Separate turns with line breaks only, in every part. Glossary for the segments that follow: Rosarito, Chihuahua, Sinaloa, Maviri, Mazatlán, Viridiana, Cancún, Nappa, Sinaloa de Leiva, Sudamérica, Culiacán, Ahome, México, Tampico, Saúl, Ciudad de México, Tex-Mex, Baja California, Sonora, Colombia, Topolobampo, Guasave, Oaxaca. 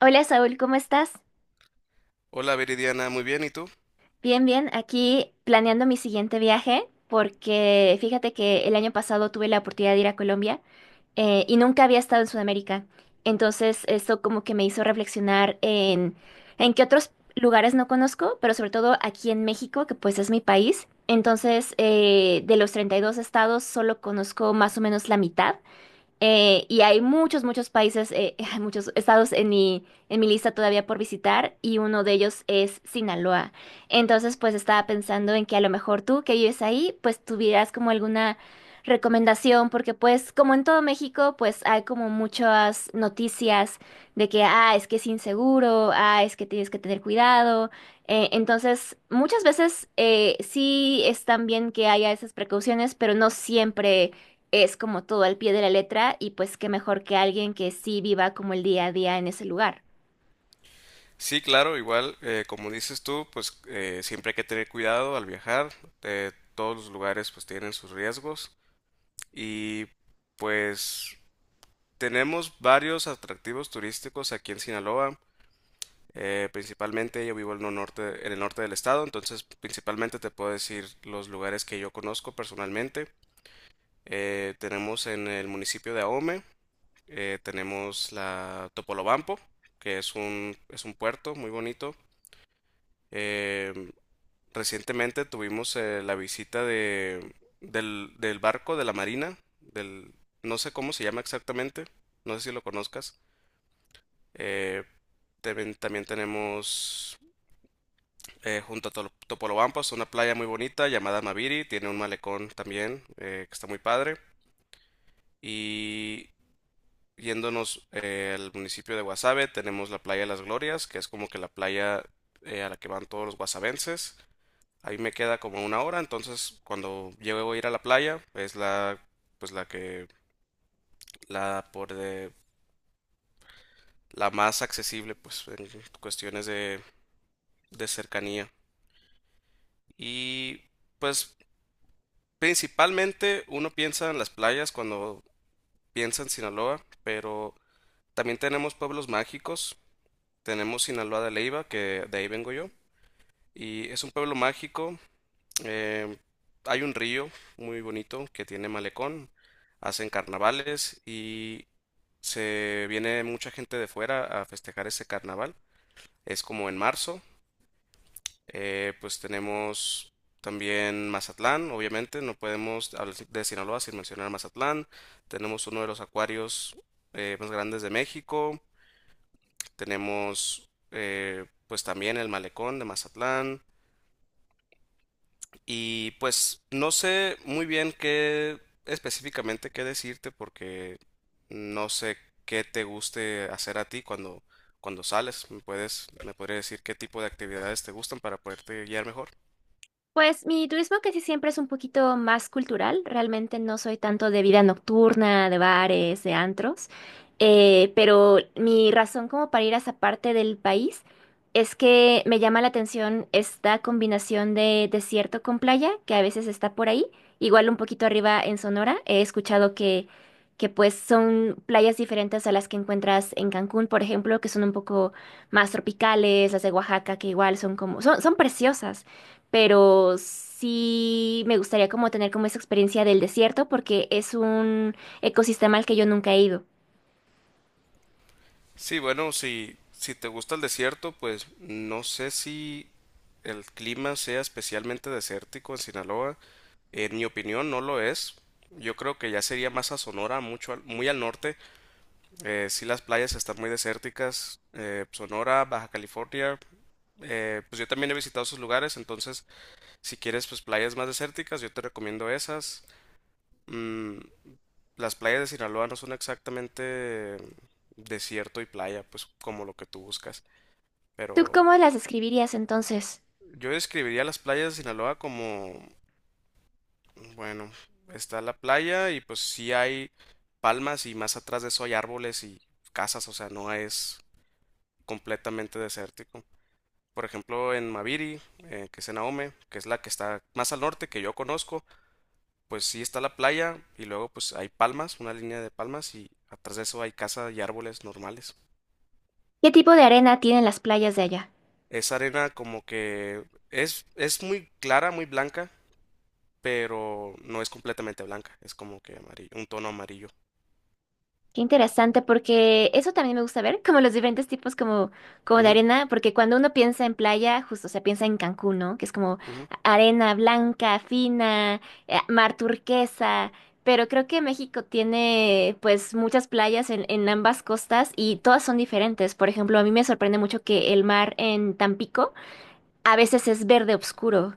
Hola Saúl, ¿cómo estás?
Hola Viridiana, muy bien, ¿y tú?
Bien, bien, aquí planeando mi siguiente viaje porque fíjate que el año pasado tuve la oportunidad de ir a Colombia y nunca había estado en Sudamérica. Entonces eso como que me hizo reflexionar en qué otros lugares no conozco, pero sobre todo aquí en México, que pues es mi país. Entonces de los 32 estados solo conozco más o menos la mitad. Y hay muchos, muchos países, hay muchos estados en mi lista todavía por visitar y uno de ellos es Sinaloa. Entonces, pues estaba pensando en que a lo mejor tú que vives ahí, pues tuvieras como alguna recomendación, porque pues como en todo México, pues hay como muchas noticias de que, ah, es que es inseguro, ah, es que tienes que tener cuidado. Entonces, muchas veces sí están bien que haya esas precauciones, pero no siempre es como todo al pie de la letra y pues qué mejor que alguien que sí viva como el día a día en ese lugar.
Sí, claro, igual, como dices tú, pues siempre hay que tener cuidado al viajar. Todos los lugares pues tienen sus riesgos y pues tenemos varios atractivos turísticos aquí en Sinaloa. Principalmente yo vivo en el norte del estado, entonces principalmente te puedo decir los lugares que yo conozco personalmente. Tenemos en el municipio de Ahome, tenemos la Topolobampo, que es es un puerto muy bonito. Eh, Recientemente tuvimos la visita del barco de la Marina, del, no sé cómo se llama exactamente, no sé si lo conozcas. Eh, también tenemos junto a Topolobampas una playa muy bonita llamada Maviri, tiene un malecón también que está muy padre. Y yéndonos al municipio de Guasave tenemos la playa de las Glorias, que es como que la playa a la que van todos los guasavenses. Ahí me queda como una hora, entonces cuando llego a ir a la playa, es la, pues la que, la por de, la más accesible, pues en cuestiones de cercanía. Y pues principalmente uno piensa en las playas cuando piensa en Sinaloa, pero también tenemos pueblos mágicos. Tenemos Sinaloa de Leiva, que de ahí vengo yo, y es un pueblo mágico. Eh, Hay un río muy bonito que tiene malecón, hacen carnavales y se viene mucha gente de fuera a festejar ese carnaval. Es como en marzo. Pues tenemos también Mazatlán, obviamente, no podemos hablar de Sinaloa sin mencionar Mazatlán. Tenemos uno de los acuarios más grandes de México. Tenemos pues también el malecón de Mazatlán. Y pues no sé muy bien qué específicamente qué decirte porque no sé qué te guste hacer a ti cuando sales. Me podrías decir qué tipo de actividades te gustan para poderte guiar mejor?
Pues mi turismo casi siempre es un poquito más cultural, realmente no soy tanto de vida nocturna, de bares, de antros, pero mi razón como para ir a esa parte del país es que me llama la atención esta combinación de desierto con playa, que a veces está por ahí, igual un poquito arriba en Sonora, he escuchado que pues son playas diferentes a las que encuentras en Cancún, por ejemplo, que son un poco más tropicales, las de Oaxaca, que igual son como, son, son preciosas pero sí me gustaría como tener como esa experiencia del desierto porque es un ecosistema al que yo nunca he ido.
Sí, bueno, si te gusta el desierto, pues no sé si el clima sea especialmente desértico en Sinaloa. En mi opinión no lo es. Yo creo que ya sería más a Sonora, muy al norte. Sí, las playas están muy desérticas. Sonora, Baja California. Pues yo también he visitado esos lugares, entonces si quieres pues playas más desérticas, yo te recomiendo esas. Mm, las playas de Sinaloa no son exactamente desierto y playa, pues como lo que tú buscas.
¿Tú
Pero
cómo las describirías entonces?
yo describiría las playas de Sinaloa como, bueno, está la playa y pues sí hay palmas y más atrás de eso hay árboles y casas, o sea, no es completamente desértico. Por ejemplo, en Maviri, que es en Ahome, que es la que está más al norte que yo conozco, pues sí está la playa y luego pues hay palmas, una línea de palmas y atrás de eso hay casa y árboles normales.
¿Qué tipo de arena tienen las playas de allá?
Esa arena como que es muy clara, muy blanca, pero no es completamente blanca, es como que amarillo, un tono amarillo.
Qué interesante, porque eso también me gusta ver, como los diferentes tipos como, como de
Ujú,
arena, porque cuando uno piensa en playa, justo, o sea, piensa en Cancún, ¿no? Que es como
ujú,
arena blanca, fina, mar turquesa, pero creo que México tiene pues muchas playas en ambas costas y todas son diferentes. Por ejemplo, a mí me sorprende mucho que el mar en Tampico a veces es verde oscuro.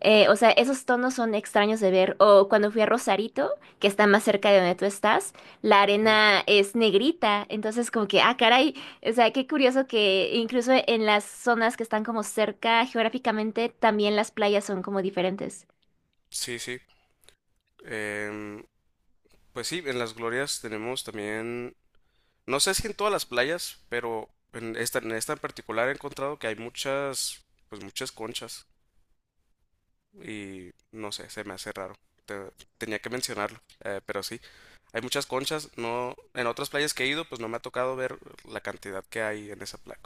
O sea, esos tonos son extraños de ver. O cuando fui a Rosarito, que está más cerca de donde tú estás, la
ujú.
arena es negrita. Entonces, como que, ah, caray. O sea, qué curioso que incluso en las zonas que están como cerca geográficamente, también las playas son como diferentes.
Sí, sí. Em, pues sí, en las glorias tenemos también. No sé si en todas las playas, pero en esta, en esta en particular he encontrado que hay muchas, pues muchas conchas. Y no sé, se me hace raro. Te- tenía que mencionarlo, pero sí. Hay muchas conchas, no, en otras playas que he ido, pues no me ha tocado ver la cantidad que hay en esa playa.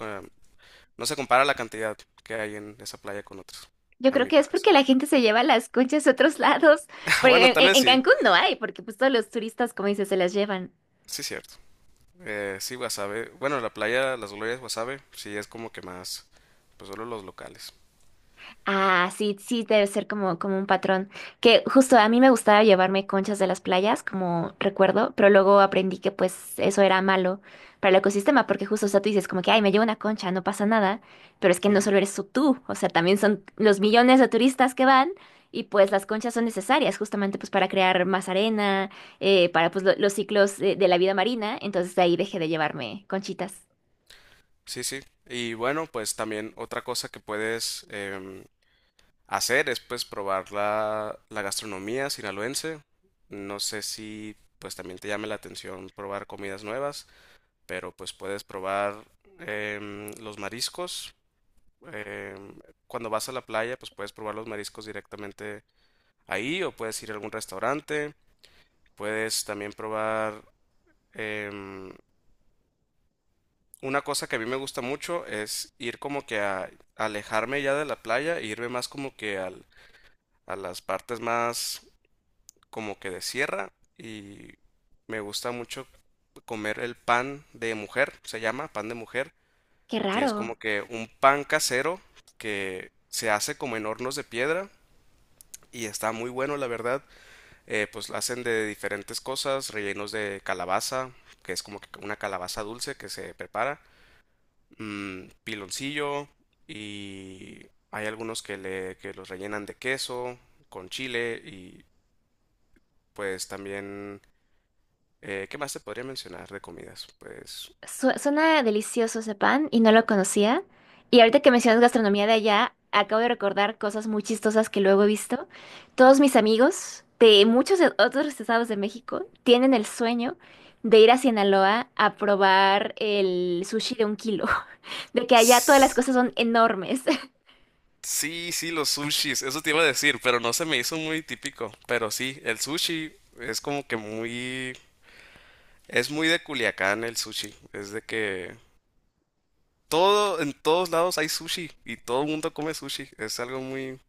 No se compara la cantidad que hay en esa playa con otras,
Yo
a
creo
mi
que es
parecer.
porque la gente se lleva las conchas a otros lados. Porque
Bueno,
en,
tal vez
en
sí,
Cancún no hay, porque pues todos los turistas, como dices, se las llevan.
sí cierto. Sí, Guasave. Bueno, la playa Las Glorias Guasave, sí es como que más, pues solo los locales.
Ah, sí, sí, debe ser como, como un patrón. Que justo a mí me gustaba llevarme conchas de las playas, como recuerdo, pero luego aprendí que pues eso era malo para el ecosistema, porque justo, o sea, tú dices como que, ay, me llevo una concha, no pasa nada, pero es que no solo eres tú, o sea, también son los millones de turistas que van y pues las conchas son necesarias justamente pues para crear más arena, para pues los ciclos de la vida marina, entonces de ahí dejé de llevarme conchitas.
Sí, sí. Y bueno, pues también otra cosa que puedes hacer es pues probar la gastronomía sinaloense. No sé si pues también te llame la atención probar comidas nuevas, pero pues puedes probar los mariscos. em, Cuando vas a la playa, pues puedes probar los mariscos directamente ahí o puedes ir a algún restaurante. Puedes también probar em, una cosa que a mí me gusta mucho es ir como que a alejarme ya de la playa e irme más como que a las partes más como que de sierra y me gusta mucho comer el pan de mujer, se llama pan de mujer,
Qué
que es
raro.
como que un pan casero que se hace como en hornos de piedra y está muy bueno la verdad. Pues lo hacen de diferentes cosas, rellenos de calabaza, que es como que una calabaza dulce que se prepara piloncillo y hay algunos que los rellenan de queso con chile y pues también ¿qué más te podría mencionar de comidas? Pues
Suena delicioso ese pan y no lo conocía. Y ahorita que mencionas gastronomía de allá, acabo de recordar cosas muy chistosas que luego he visto. Todos mis amigos de muchos otros estados de México tienen el sueño de ir a Sinaloa a probar el sushi de un kilo, de que allá todas las
S-
cosas son enormes.
sí, sí, los sushis, eso te iba a decir, pero no se me hizo muy típico. Pero sí, el sushi es como que muy... Es muy de Culiacán el sushi. Es de que todo, en todos lados hay sushi y todo el mundo come sushi. Es algo muy,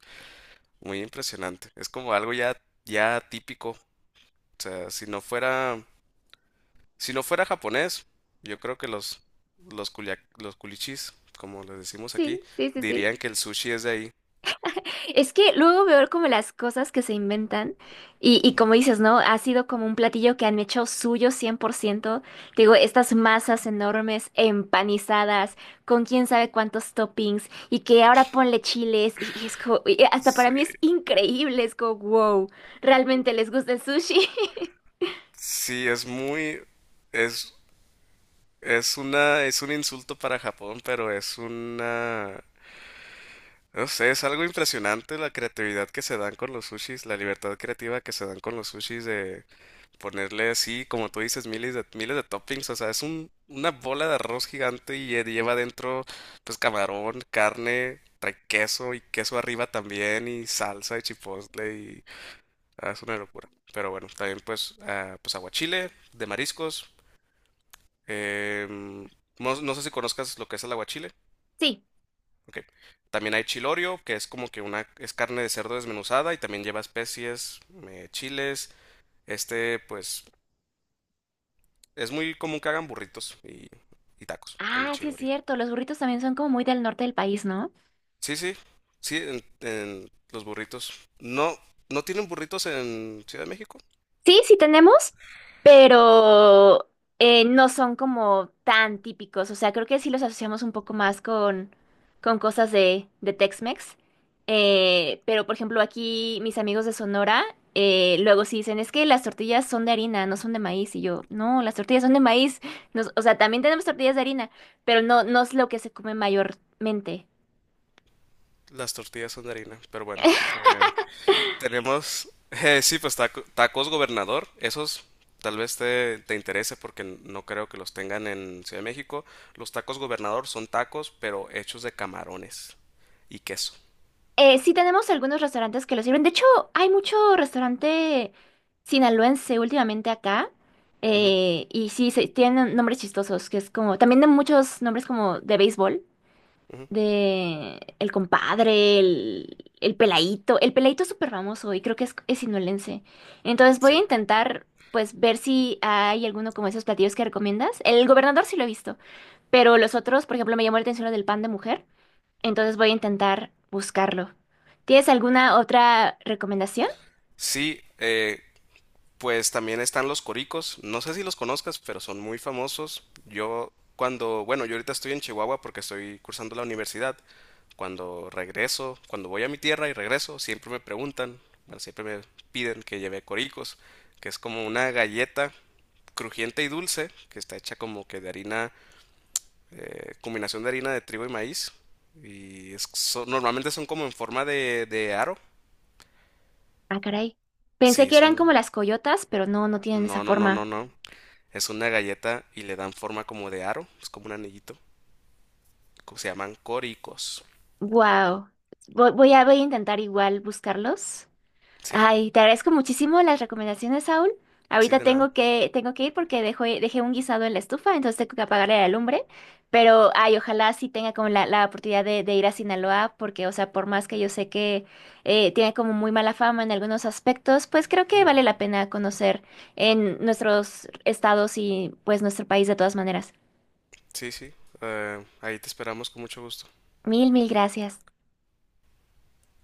muy impresionante. Es como algo ya, ya típico. O sea, si no fuera japonés, yo creo que los culichis, como les decimos aquí,
Sí, sí, sí, sí.
dirían que el sushi es de ahí.
Es que luego veo como las cosas que se inventan y como dices, ¿no? Ha sido como un platillo que han hecho suyo 100%. Te digo, estas masas enormes, empanizadas, con quién sabe cuántos toppings y que ahora ponle chiles y es como, y hasta para
Sí.
mí es increíble, es como, wow, ¿realmente les gusta el sushi?
Sí, es es, es una, es un insulto para Japón, pero es una, no sé, es algo impresionante la creatividad que se dan con los sushis, la libertad creativa que se dan con los sushis de ponerle así, como tú dices, miles de toppings, o sea, es un, una bola de arroz gigante y lleva dentro, pues, camarón, carne, trae queso y queso arriba también y salsa y chipotle y ah, es una locura. Pero bueno, también pues, ah, pues aguachile de mariscos. em, no, no sé si conozcas lo que es el aguachile.
Sí.
Ok. También hay chilorio, que es como que una, es carne de cerdo desmenuzada y también lleva especies, chiles. Este, pues, es muy común que hagan burritos y tacos con el
Ah, sí es
chilorio.
cierto, los burritos también son como muy del norte del país, ¿no?
Sí, sí, sí, en los burritos. No, no tienen burritos en Ciudad de México.
Sí, sí tenemos, pero no son como tan típicos. O sea, creo que sí los asociamos un poco más con cosas de Tex-Mex. Pero, por ejemplo, aquí mis amigos de Sonora luego sí dicen, es que las tortillas son de harina, no son de maíz. Y yo, no, las tortillas son de maíz. O sea, también tenemos tortillas de harina, pero no, no es lo que se come mayormente.
Las tortillas son de harina, pero bueno. Eh, Tenemos, sí, pues tacos gobernador. Esos tal vez te interese porque no creo que los tengan en Ciudad de México. Los tacos gobernador son tacos, pero hechos de camarones y queso.
Sí tenemos algunos restaurantes que lo sirven. De hecho, hay mucho restaurante sinaloense últimamente acá.
Ujú,
Y sí, se, tienen nombres chistosos, que es como, también de muchos nombres como de béisbol,
ujú,
de El Compadre, el Peladito. El Peladito es súper famoso y creo que es sinaloense. Entonces voy a
sí.
intentar, pues, ver si hay alguno como esos platillos que recomiendas. El gobernador sí lo he visto, pero los otros, por ejemplo, me llamó la atención lo del pan de mujer. Entonces voy a intentar buscarlo. ¿Tienes alguna otra recomendación?
Sí, pues también están los coricos, no sé si los conozcas, pero son muy famosos. Yo cuando, bueno, yo ahorita estoy en Chihuahua porque estoy cursando la universidad. Cuando regreso, cuando voy a mi tierra y regreso, siempre me preguntan, bueno, siempre me piden que lleve coricos, que es como una galleta crujiente y dulce, que está hecha como que de harina, combinación de harina de trigo y maíz. Y normalmente son como en forma de aro.
Ah, caray. Pensé
Sí,
que
es
eran como
un...
las coyotas, pero no, no tienen esa
No, no, no, no,
forma.
no. Es una galleta y le dan forma como de aro, es como un anillito. Se llaman coricos.
Wow. Voy a, voy a intentar igual buscarlos.
Sí,
Ay, te agradezco muchísimo las recomendaciones, Saúl.
sí,
Ahorita
de nada.
tengo que ir porque dejé un guisado en la estufa, entonces tengo que apagarle la lumbre. Pero, ay, ojalá sí tenga como la oportunidad de ir a Sinaloa, porque, o sea, por más que yo sé que tiene como muy mala fama en algunos aspectos, pues creo que
Ujú.
vale la pena conocer en nuestros estados y pues nuestro país de todas maneras.
Sí, sí. Ahí te esperamos con mucho gusto.
Mil, mil gracias.